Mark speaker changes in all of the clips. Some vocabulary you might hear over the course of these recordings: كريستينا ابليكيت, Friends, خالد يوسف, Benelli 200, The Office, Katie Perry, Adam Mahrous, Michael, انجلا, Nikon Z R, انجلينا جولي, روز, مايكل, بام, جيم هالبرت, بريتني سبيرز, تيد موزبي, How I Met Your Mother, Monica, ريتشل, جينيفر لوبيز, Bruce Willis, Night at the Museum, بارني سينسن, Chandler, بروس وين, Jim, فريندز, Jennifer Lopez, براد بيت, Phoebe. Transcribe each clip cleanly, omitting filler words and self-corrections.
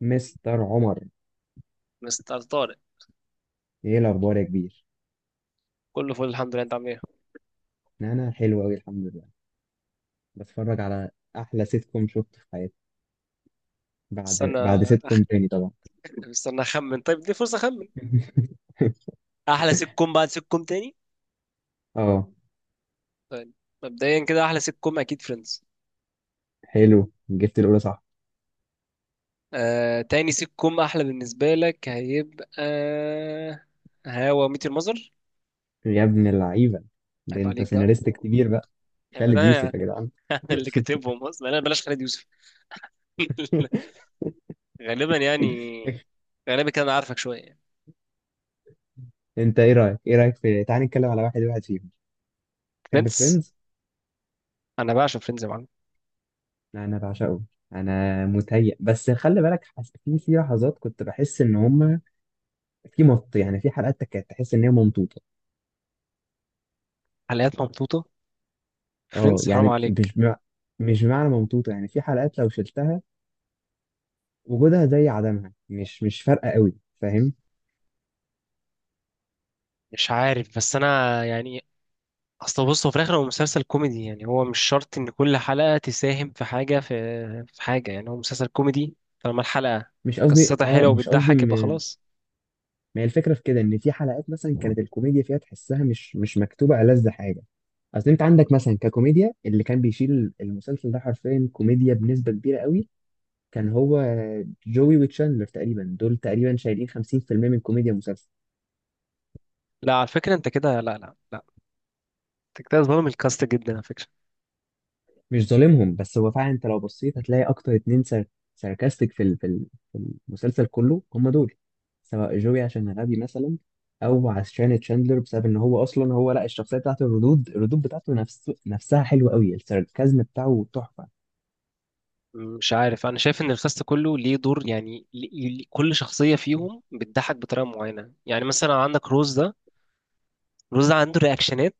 Speaker 1: مستر عمر،
Speaker 2: مستر طارق،
Speaker 1: ايه الاخبار يا كبير؟
Speaker 2: كله فل الحمد لله. انت عامل ايه؟
Speaker 1: انا حلو قوي، الحمد لله. بتفرج على احلى سيت كوم شفته في حياتي. بعد
Speaker 2: استنى
Speaker 1: سيت كوم تاني طبعا.
Speaker 2: استنى اخمن. طيب دي فرصه اخمن. احلى سيت كوم بعد سيت كوم تاني.
Speaker 1: اه،
Speaker 2: طيب مبدئيا كده احلى سيت كوم اكيد فريندز.
Speaker 1: حلو، جبت الاولى صح؟
Speaker 2: تاني سيت كوم احلى بالنسبه لك هيبقى هوا ميت المزر.
Speaker 1: يا ابن اللعيبه، ده
Speaker 2: عيب
Speaker 1: انت
Speaker 2: عليك بقى،
Speaker 1: سيناريست كبير بقى،
Speaker 2: عيب، ده
Speaker 1: خالد
Speaker 2: انا
Speaker 1: يوسف يا جدعان.
Speaker 2: أنا اللي كاتبهم اصلا، انا بلاش خالد يوسف. غالبا يعني، غالبا كده انا عارفك شويه يعني.
Speaker 1: انت ايه رايك في، تعال نتكلم على واحد واحد فيهم. تحب
Speaker 2: فريندز،
Speaker 1: فريندز؟
Speaker 2: انا بعشق فريندز يا معلم.
Speaker 1: انا بعشقه. انا متهيأ بس خلي بالك. في لحظات كنت بحس ان هم، في مط يعني في حلقات كانت تحس ان هي ممطوطه.
Speaker 2: حلقات ممطوطه؟
Speaker 1: اه
Speaker 2: فريندز حرام
Speaker 1: يعني
Speaker 2: عليك.
Speaker 1: مش بمعنى ممطوطة، يعني في حلقات لو شلتها وجودها زي عدمها، مش فارقة قوي، فاهم؟
Speaker 2: مش عارف، بس انا يعني اصل بص، هو في الاخر هو مسلسل كوميدي، يعني هو مش شرط ان كل حلقه تساهم في حاجه، في حاجه، يعني هو مسلسل كوميدي. طالما الحلقه قصتها حلوه
Speaker 1: مش قصدي
Speaker 2: وبتضحك يبقى خلاص.
Speaker 1: ما هي الفكرة في كده، ان في حلقات مثلا كانت الكوميديا فيها تحسها مش مكتوبة ألذ حاجة. اصل انت عندك مثلا، ككوميديا، اللي كان بيشيل المسلسل ده حرفيا كوميديا بنسبة كبيرة قوي، كان هو جوي وتشاندلر. تقريبا دول تقريبا شايلين 50% من كوميديا المسلسل.
Speaker 2: لا على فكره، انت كده لا لا لا، انت كده ظالم الكاست جدا على فكره.
Speaker 1: مش ظالمهم، بس هو فعلا انت لو بصيت هتلاقي اكتر اتنين ساركاستيك في المسلسل، كله هم دول. سواء جوي عشان غبي مثلا، او عشان تشاندلر، بسبب ان هو اصلا هو لا، الشخصيه بتاعته، الردود بتاعته نفسها حلوه قوي، الساركازم بتاعه تحفه.
Speaker 2: مش عارف، انا شايف ان الكاست كله ليه دور، يعني كل شخصيه فيهم بتضحك بطريقه معينه. يعني مثلا عندك روز ده عنده رياكشنات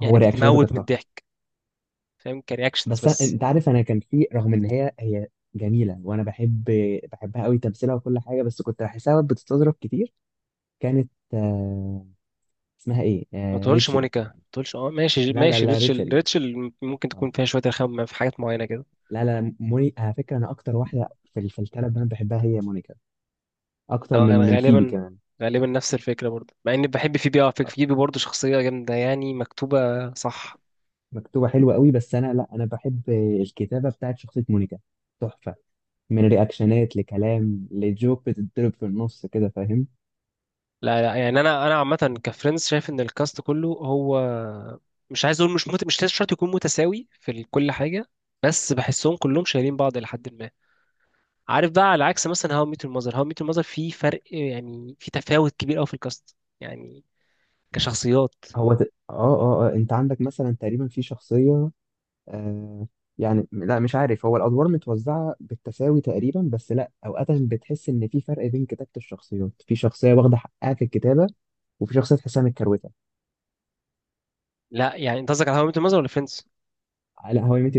Speaker 1: هو
Speaker 2: يعني
Speaker 1: رياكشناته
Speaker 2: بتموت
Speaker 1: كانت
Speaker 2: من
Speaker 1: تحفه.
Speaker 2: الضحك. فاهم؟ كرياكشنز بس.
Speaker 1: انت عارف انا كان في، رغم ان هي جميله وانا بحبها قوي تمثيلها وكل حاجه، بس كنت بحسها بتستظرف كتير. كانت اسمها ايه؟
Speaker 2: ما تقولش
Speaker 1: ريتشل.
Speaker 2: مونيكا، ما تقولش. اه ماشي
Speaker 1: لا لا
Speaker 2: ماشي،
Speaker 1: لا،
Speaker 2: ريتشل.
Speaker 1: ريتشل.
Speaker 2: ريتشل ممكن
Speaker 1: آه.
Speaker 2: تكون فيها شويه رخامه في حاجات معينه كده.
Speaker 1: لا لا، موني، على فكرة أنا أكتر واحدة في الثلاث بنات بحبها هي مونيكا. أكتر
Speaker 2: اه انا
Speaker 1: من فيبي
Speaker 2: غالبا
Speaker 1: كمان.
Speaker 2: غالبا نفس الفكره برضه، مع اني بحب فيبي. اه
Speaker 1: آه،
Speaker 2: فيبي برضه شخصيه جامده يعني، مكتوبه صح.
Speaker 1: مكتوبة حلوة قوي. بس أنا لا، أنا بحب الكتابة بتاعت شخصية مونيكا، تحفة. من رياكشنات لكلام لجوك بتتضرب في النص كده، فاهم؟
Speaker 2: لا لا، يعني انا عامه كفريندز شايف ان الكاست كله هو، مش عايز اقول، مش لازم شرط يكون متساوي في كل حاجه، بس بحسهم كلهم شايلين بعض الى حد ما. عارف؟ بقى على عكس مثلا هاو ميت المذر. في فرق يعني، في تفاوت كبير قوي في الكاست يعني، كشخصيات.
Speaker 1: هو ت... آه, آه آه أنت عندك مثلا تقريبا في شخصية، آه يعني لا مش عارف، هو الأدوار متوزعة بالتساوي تقريبا، بس لا، أوقات بتحس إن في فرق بين كتابة الشخصيات. في شخصية واخدة حقها في الكتابة، وفي شخصية تحسها متكروتة.
Speaker 2: لا يعني انت قصدك على هاو ميت الماذر ولا فريندز؟
Speaker 1: لا، هواي ميت.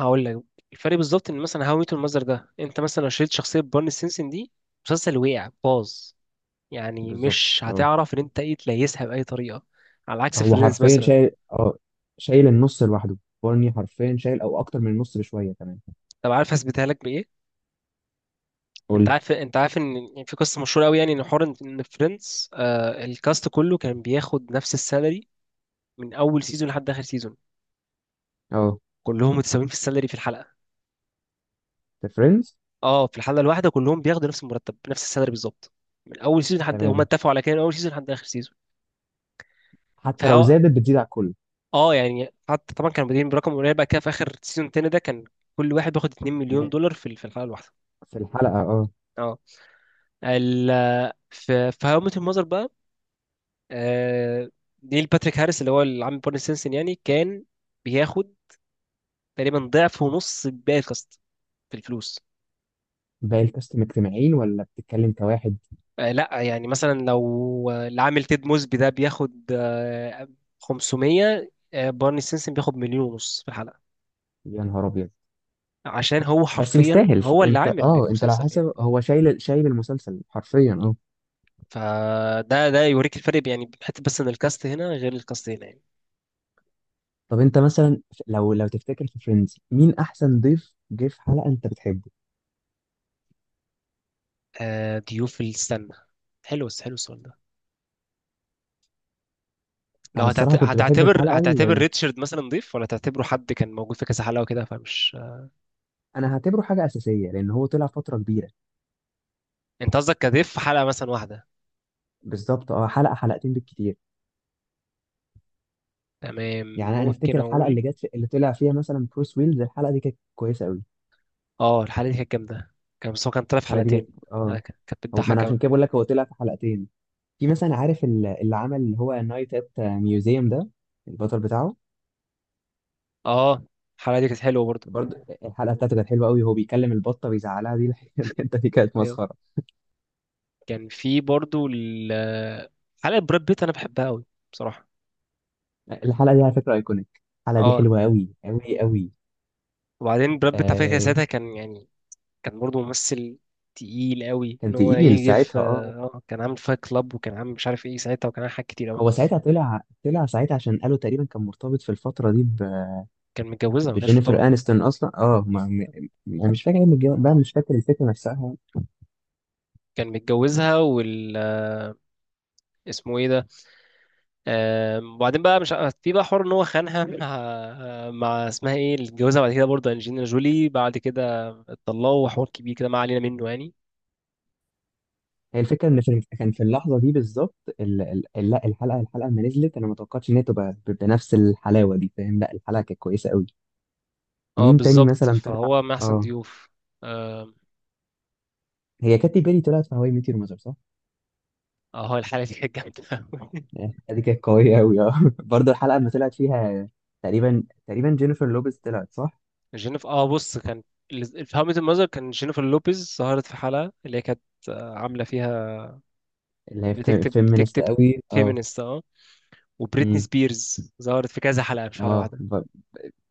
Speaker 2: هقول لك الفرق بالظبط. ان مثلا هاو ميت الماذر ده، انت مثلا لو شلت شخصيه بارني سينسن دي، مسلسل وقع باظ، يعني
Speaker 1: بالظبط
Speaker 2: مش
Speaker 1: اه،
Speaker 2: هتعرف ان انت ايه تليسها باي طريقه. على عكس
Speaker 1: هو
Speaker 2: فريندز
Speaker 1: حرفيا
Speaker 2: مثلا.
Speaker 1: شايل اه، شايل النص لوحده. بارني حرفيا شايل او اكتر من النص بشويه كمان.
Speaker 2: طب عارف هثبتها لك بايه؟
Speaker 1: قول
Speaker 2: انت
Speaker 1: لي.
Speaker 2: عارف انت عارف ان يعني في قصه مشهوره قوي، يعني ان حوار ان إن فريندز، الكاست كله كان بياخد نفس السالري من اول سيزون لحد اخر سيزون.
Speaker 1: اه،
Speaker 2: كلهم متساويين في السالري في الحلقه.
Speaker 1: ذا فريندز.
Speaker 2: اه في الحلقه الواحده كلهم بياخدوا نفس المرتب، نفس السالري بالظبط. من اول سيزون لحد هم
Speaker 1: تمام،
Speaker 2: اتفقوا على كده من اول سيزون لحد اخر سيزون.
Speaker 1: حتى لو
Speaker 2: فهو،
Speaker 1: زادت بتزيد على الكل.
Speaker 2: اه يعني حتى طبعا كانوا بادئين برقم قليل، بقى كده في اخر سيزون التاني ده كان كل واحد بياخد 2 مليون
Speaker 1: انا
Speaker 2: دولار في في الحلقه الواحده.
Speaker 1: في الحلقه اه.
Speaker 2: اه. ال في هاو ميت المذر بقى، آه نيل باتريك هاريس اللي هو العم بارني سينسن يعني كان بياخد تقريبا ضعف ونص باقي الكاست في الفلوس.
Speaker 1: باقي الكاست مجتمعين ولا بتتكلم كواحد؟
Speaker 2: لا يعني مثلا لو العامل تيد موزبي ده بياخد 500، بارني سينسن بياخد مليون ونص في الحلقة.
Speaker 1: يا نهار ابيض.
Speaker 2: عشان هو
Speaker 1: بس
Speaker 2: حرفيا
Speaker 1: يستاهل،
Speaker 2: هو اللي
Speaker 1: انت
Speaker 2: عامل
Speaker 1: اه انت لو
Speaker 2: المسلسل يعني.
Speaker 1: حاسب هو شايل المسلسل حرفيا اه.
Speaker 2: فده يوريك الفرق، يعني حتى بس ان الكاست هنا غير الكاست هنا يعني.
Speaker 1: طب انت مثلا لو تفتكر في فريندز مين احسن ضيف جه في حلقه انت بتحبه؟
Speaker 2: ضيوف السنة، حلو، حلو السؤال ده. لو
Speaker 1: انا
Speaker 2: هتعت-
Speaker 1: الصراحه كنت بحب
Speaker 2: هتعتبر
Speaker 1: الحلقه.
Speaker 2: هتعتبر ريتشارد مثلا ضيف، ولا تعتبره حد كان موجود في كذا حلقة وكده فمش؟
Speaker 1: انا هعتبره حاجه اساسيه لان هو طلع فتره كبيره.
Speaker 2: انت قصدك كضيف في حلقة مثلا واحدة؟
Speaker 1: بالظبط اه، حلقه حلقتين بالكتير.
Speaker 2: تمام،
Speaker 1: يعني انا
Speaker 2: ممكن
Speaker 1: افتكر الحلقه
Speaker 2: اقول.
Speaker 1: اللي جت اللي طلع فيها مثلا بروس ويلز، الحلقه دي كانت كويسه قوي.
Speaker 2: اه الحلقة دي كانت جامدة. كان بس هو كان طلع في
Speaker 1: الحلقه دي
Speaker 2: حلقتين.
Speaker 1: كانت
Speaker 2: يعني
Speaker 1: اه،
Speaker 2: كانت
Speaker 1: هو ما انا
Speaker 2: بتضحك
Speaker 1: عشان
Speaker 2: أوي.
Speaker 1: كده بقول لك، هو طلع في حلقتين. في مثلا عارف اللي عمل اللي هو نايت ات ميوزيوم ده، البطل بتاعه.
Speaker 2: اه الحلقة دي كانت حلوة برضه.
Speaker 1: برضه الحلقه بتاعته كانت حلوه قوي، هو بيكلم البطه بيزعلها دي الحته دي كانت
Speaker 2: أيوه،
Speaker 1: مسخره.
Speaker 2: كان في برضه حلقة براد بيت، أنا بحبها أوي بصراحة.
Speaker 1: الحلقه دي على فكره ايكونيك، الحلقه دي
Speaker 2: اه
Speaker 1: حلوه قوي قوي قوي.
Speaker 2: وبعدين براد بيت على فكرة
Speaker 1: آه
Speaker 2: ساعتها كان يعني كان برضه ممثل تقيل أوي
Speaker 1: كان
Speaker 2: إن هو
Speaker 1: تقيل
Speaker 2: يجي في.
Speaker 1: ساعتها اه.
Speaker 2: اه كان عامل فايت كلاب، وكان عامل مش عارف ايه ساعتها، وكان عامل حاجات كتير أوي.
Speaker 1: هو ساعتها طلع ساعتها، عشان قالوا تقريبا كان مرتبط في الفترة دي
Speaker 2: كان متجوزها ما كانش في، طبعا.
Speaker 1: بجينيفر أنستون أصلا اه ما... أنا مش فاكر ايه من بقى مش فاكر الفكرة نفسها.
Speaker 2: كان متجوزها اسمه ايه ده. وبعدين بقى مش ع- في بقى حوار ان هو خانها مع مع اسمها ايه اللي اتجوزها بعد كده برضه، انجلينا جولي. بعد كده اتطلقوا وحوار كبير كده، ما علينا منه يعني.
Speaker 1: هي الفكرة إن كان في اللحظة دي بالظبط لا، الحلقة لما نزلت أنا ما توقعتش إن هي تبقى بنفس الحلاوة دي، فاهم؟ لا الحلقة كانت كويسة قوي.
Speaker 2: اه
Speaker 1: مين تاني
Speaker 2: بالظبط
Speaker 1: مثلا طلع؟
Speaker 2: فهو من احسن
Speaker 1: اه،
Speaker 2: ضيوف. اه
Speaker 1: هي كاتي بيري طلعت في هواي ميت يور مذر صح؟
Speaker 2: الحلقه دي كانت جامده أوي.
Speaker 1: يعني الحلقة دي كانت قوية قوي اه برضه الحلقة لما طلعت فيها، تقريبا جينيفر لوبيز طلعت صح؟
Speaker 2: جينيفر، بص كان في هاو ميت المذر كان جينيفر لوبيز ظهرت في حلقه اللي هي كانت عامله فيها
Speaker 1: اللي هي
Speaker 2: بتكتب
Speaker 1: فيمينست
Speaker 2: بتكتب
Speaker 1: قوي اه.
Speaker 2: فيمينست. اه وبريتني سبيرز ظهرت في كذا حلقه، مش حلقه
Speaker 1: اه،
Speaker 2: واحده.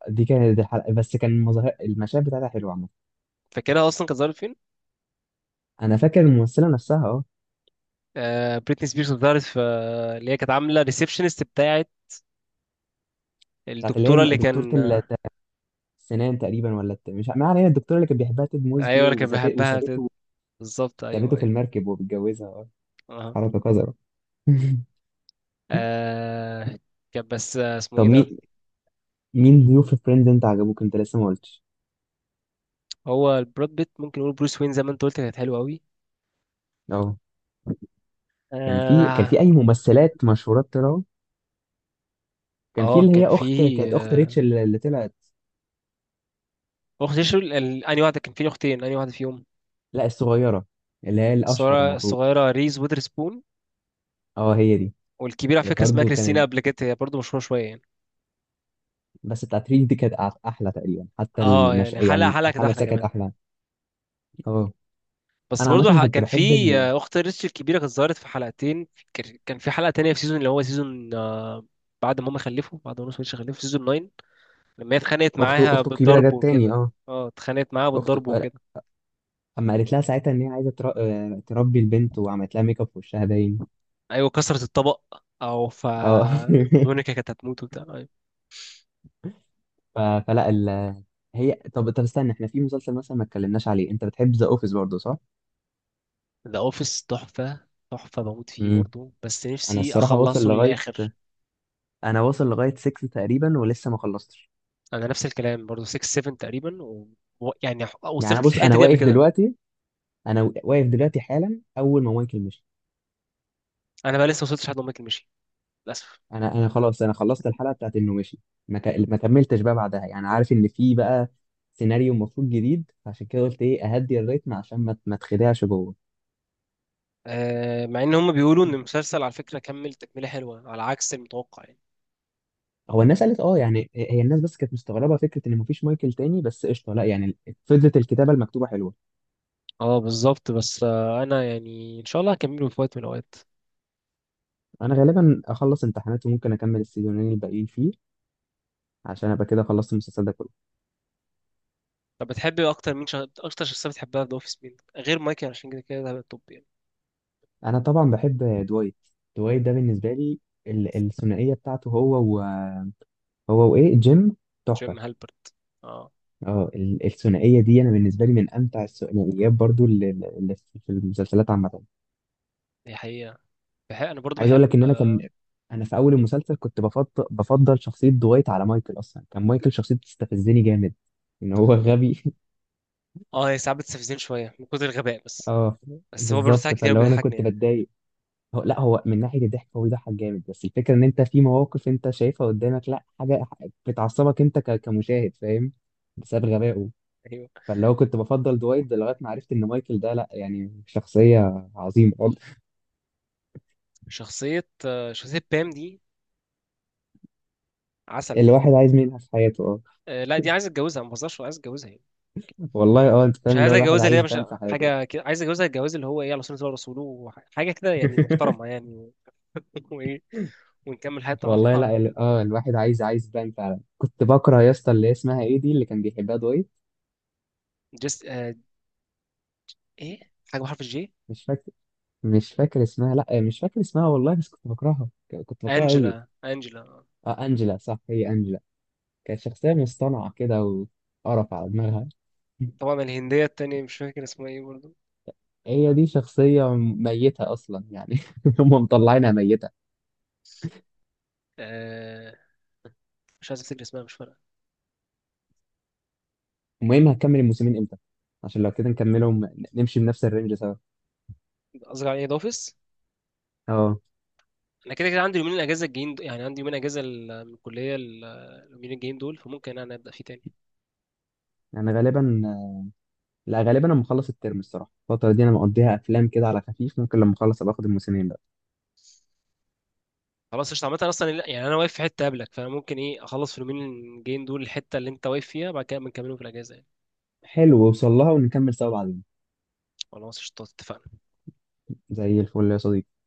Speaker 1: دي كانت الحلقه، بس كان المظاهر المشاهد بتاعتها حلوه عامه.
Speaker 2: فاكرها اصلا كانت ظهرت.
Speaker 1: انا فاكر الممثله نفسها اه.
Speaker 2: بريتني سبيرز ظهرت في، اللي هي كانت عامله ريسبشنست بتاعت
Speaker 1: بتاعت اللي هي
Speaker 2: الدكتوره اللي
Speaker 1: دكتوره
Speaker 2: كان آه،
Speaker 1: السنان تقريبا ولا مش، ما علينا، الدكتوره اللي كانت بيحبها تيد
Speaker 2: ايوه
Speaker 1: موزبي
Speaker 2: اللي كان
Speaker 1: وسابته
Speaker 2: بيحبها،
Speaker 1: وسابته.
Speaker 2: بالظبط،
Speaker 1: سابته
Speaker 2: ايوه،
Speaker 1: في
Speaker 2: ايوه.
Speaker 1: المركب وبيتجوزها اه.
Speaker 2: اه
Speaker 1: حركه قذره.
Speaker 2: آه، كان بس، اسمه
Speaker 1: طب
Speaker 2: ايه ده.
Speaker 1: مين ضيوف فريندز انت عجبوك، انت لسه ما قلتش.
Speaker 2: هو البراد بيت ممكن نقول، بروس وين زي ما انت قلت كانت حلوه قوي.
Speaker 1: اه، كان في
Speaker 2: اه.
Speaker 1: اي ممثلات مشهورات طلعوا؟ كان في
Speaker 2: اه
Speaker 1: اللي
Speaker 2: كان
Speaker 1: هي اخت،
Speaker 2: فيه،
Speaker 1: كانت اخت ريتشل اللي طلعت.
Speaker 2: اخت شو، انهي واحده؟ كان فيه اختين، انهي واحده فيهم؟
Speaker 1: لا الصغيره، اللي هي الاشهر
Speaker 2: الصغيره،
Speaker 1: المفروض.
Speaker 2: الصغيره ريز ويذرسبون.
Speaker 1: اه هي دي.
Speaker 2: والكبيره على فكره اسمها
Speaker 1: برضه
Speaker 2: كريستينا
Speaker 1: كانت،
Speaker 2: ابليكيت، هي برضه مشهوره شويه يعني.
Speaker 1: بس بتاعت ريف دي كانت احلى تقريبا، حتى
Speaker 2: اه يعني حلقه
Speaker 1: يعني
Speaker 2: حلقه كانت
Speaker 1: الحلقه
Speaker 2: احلى
Speaker 1: نفسها كانت
Speaker 2: كمان.
Speaker 1: احلى. اه
Speaker 2: بس
Speaker 1: انا
Speaker 2: برضو
Speaker 1: عامه كنت
Speaker 2: كان في،
Speaker 1: بحب
Speaker 2: اخت ريتش الكبيره كانت ظهرت في حلقتين. كان في حلقه تانية في سيزون، اللي هو سيزون، بعد ما نص خلفوا، في سيزون 9 لما هي اتخانقت
Speaker 1: اخته
Speaker 2: معاها
Speaker 1: اخته الكبيره
Speaker 2: بالضرب
Speaker 1: جت تاني
Speaker 2: وكده
Speaker 1: اه.
Speaker 2: اه اتخانقت معاها
Speaker 1: اخته،
Speaker 2: بالضرب وكده
Speaker 1: اما قالت لها ساعتها ان هي عايزه تر... آه، تربي البنت وعملت لها ميك اب في وشها باين.
Speaker 2: ايوه كسرت الطبق، او ف
Speaker 1: اه
Speaker 2: مونيكا كانت هتموت وبتاع. أيوة.
Speaker 1: ف... فلا ال... هي، طب استنى، احنا في مسلسل مثلا ما اتكلمناش عليه، انت بتحب ذا اوفيس برضه صح؟
Speaker 2: ذا اوفيس تحفه، تحفه، بموت فيه
Speaker 1: امم.
Speaker 2: برضو، بس
Speaker 1: انا
Speaker 2: نفسي
Speaker 1: الصراحه واصل
Speaker 2: اخلصه
Speaker 1: لغايه،
Speaker 2: للاخر.
Speaker 1: انا واصل لغايه 6 تقريبا، ولسه ما خلصتش.
Speaker 2: انا نفس الكلام برضو، 6 7 تقريبا، يعني
Speaker 1: يعني انا
Speaker 2: وصلت
Speaker 1: بص،
Speaker 2: للحته
Speaker 1: انا
Speaker 2: دي قبل
Speaker 1: واقف
Speaker 2: كده.
Speaker 1: دلوقتي، انا واقف دلوقتي حالا اول ما مايكل مشي.
Speaker 2: انا بقى لسه ما وصلتش لحد ما مايكل مشي للاسف.
Speaker 1: انا خلاص انا خلصت الحلقه بتاعت انه مشي. ما كملتش بقى بعدها، يعني عارف ان في بقى سيناريو المفروض جديد، فعشان كده قلت ايه اهدي الريتم عشان ما تخدعش جوه.
Speaker 2: مع ان هم بيقولوا ان المسلسل على فكرة كمل تكملة حلوة على عكس المتوقع يعني.
Speaker 1: هو الناس قالت اه، يعني هي الناس بس كانت مستغربه فكره ان مفيش مايكل تاني، بس قشطه لا يعني، فضلت الكتابه المكتوبه حلوه.
Speaker 2: اه بالظبط. بس انا يعني ان شاء الله هكمله في وقت من الاوقات.
Speaker 1: انا غالبا اخلص امتحانات وممكن اكمل السيزونين الباقيين فيه، عشان ابقى كده خلصت المسلسل ده كله.
Speaker 2: طب بتحب اكتر مين، اكتر شخصية بتحبها في ذا اوفيس مين غير مايكل؟ عشان كده ده هيبقى التوب يعني.
Speaker 1: انا طبعا بحب دوايت. دوايت ده بالنسبه لي، الثنائيه بتاعته هو هو وايه، جيم، تحفه.
Speaker 2: جيم هالبرت، اه،
Speaker 1: اه الثنائيه دي انا بالنسبه لي من امتع الثنائيات برضو اللي في المسلسلات عامه.
Speaker 2: دي حقيقة. انا برضو
Speaker 1: عايز
Speaker 2: بحب.
Speaker 1: اقول لك ان انا كان، انا في اول المسلسل كنت بفضل شخصيه دوايت على مايكل، اصلا كان مايكل شخصيه بتستفزني جامد، ان هو غبي
Speaker 2: هي ساعات بتستفزني شوية من كتر الغباء بس.
Speaker 1: اه
Speaker 2: بس هو برضه
Speaker 1: بالظبط،
Speaker 2: ساعات كتير
Speaker 1: فاللي هو انا
Speaker 2: بيضحكني
Speaker 1: كنت
Speaker 2: يعني.
Speaker 1: بتضايق. هو لا، هو من ناحيه الضحك هو بيضحك جامد، بس الفكره ان انت في مواقف انت شايفها قدامك، لا حاجه بتعصبك انت كمشاهد، فاهم؟ بسبب غبائه.
Speaker 2: ايوه.
Speaker 1: فاللي هو كنت بفضل دوايت ده لغايه ما عرفت ان مايكل ده لا، يعني شخصيه عظيمه.
Speaker 2: شخصية بام دي عسل.
Speaker 1: الواحد عايز منها في حياته اه.
Speaker 2: لا دي عايز اتجوزها، ما بهزرش عايز اتجوزها يعني.
Speaker 1: والله اه، انت
Speaker 2: مش
Speaker 1: فاهم، اللي
Speaker 2: عايز
Speaker 1: هو الواحد
Speaker 2: اتجوزها اللي هي
Speaker 1: عايز
Speaker 2: مش
Speaker 1: بان في حياته.
Speaker 2: حاجه كده، عايز اتجوزها الجواز اللي هو ايه، على سنه الله ورسوله، حاجه كده يعني محترمه يعني. وايه، ونكمل حياتنا مع
Speaker 1: والله
Speaker 2: بعض.
Speaker 1: لا، الواحد عايز بان فعلا. كنت بكره يا اسطى اللي هي اسمها ايه دي، اللي كان بيحبها دويت.
Speaker 2: جست، ايه حاجه بحرف الجي.
Speaker 1: مش فاكر، مش فاكر اسمها، لا مش فاكر اسمها والله، بس كنت بكرهها، كنت بكرهها قوي.
Speaker 2: انجلا، انجلا، آه.
Speaker 1: اه انجلا، صح هي انجلا. كانت شخصيه مصطنعه كده، وقرف على دماغها.
Speaker 2: طبعا الهنديه التانيه مش فاكر اسمها ايه برضه.
Speaker 1: هي دي شخصيه ميته اصلا يعني، هم مطلعينها ميته.
Speaker 2: آه... مش عايز افتكر اسمها، مش فارقه.
Speaker 1: المهم هكمل الموسمين امتى؟ عشان لو كده نكملهم نمشي بنفس الرينج سوا.
Speaker 2: قصدي على ايه، ده اوفيس.
Speaker 1: اه
Speaker 2: انا كده كده عندي يومين الاجازه الجايين يعني عندي يومين اجازه من الكليه، اليومين الجايين دول، فممكن انا ابدا فيه تاني.
Speaker 1: انا غالبا، لا غالبا انا مخلص الترم الصراحه، الفتره دي انا مقضيها افلام كده على خفيف، ممكن لما اخلص ابقى اخد الموسمين بقى.
Speaker 2: خلاص قشطة. عامة أصلا يعني أنا واقف في حتة قبلك، فأنا ممكن إيه أخلص في اليومين الجايين دول الحتة اللي أنت واقف فيها، بعد كده بنكملهم في الأجازة يعني.
Speaker 1: حلو، وصل لها ونكمل سوا بعدين.
Speaker 2: خلاص قشطة، اتفقنا.
Speaker 1: زي الفل يا صديقي.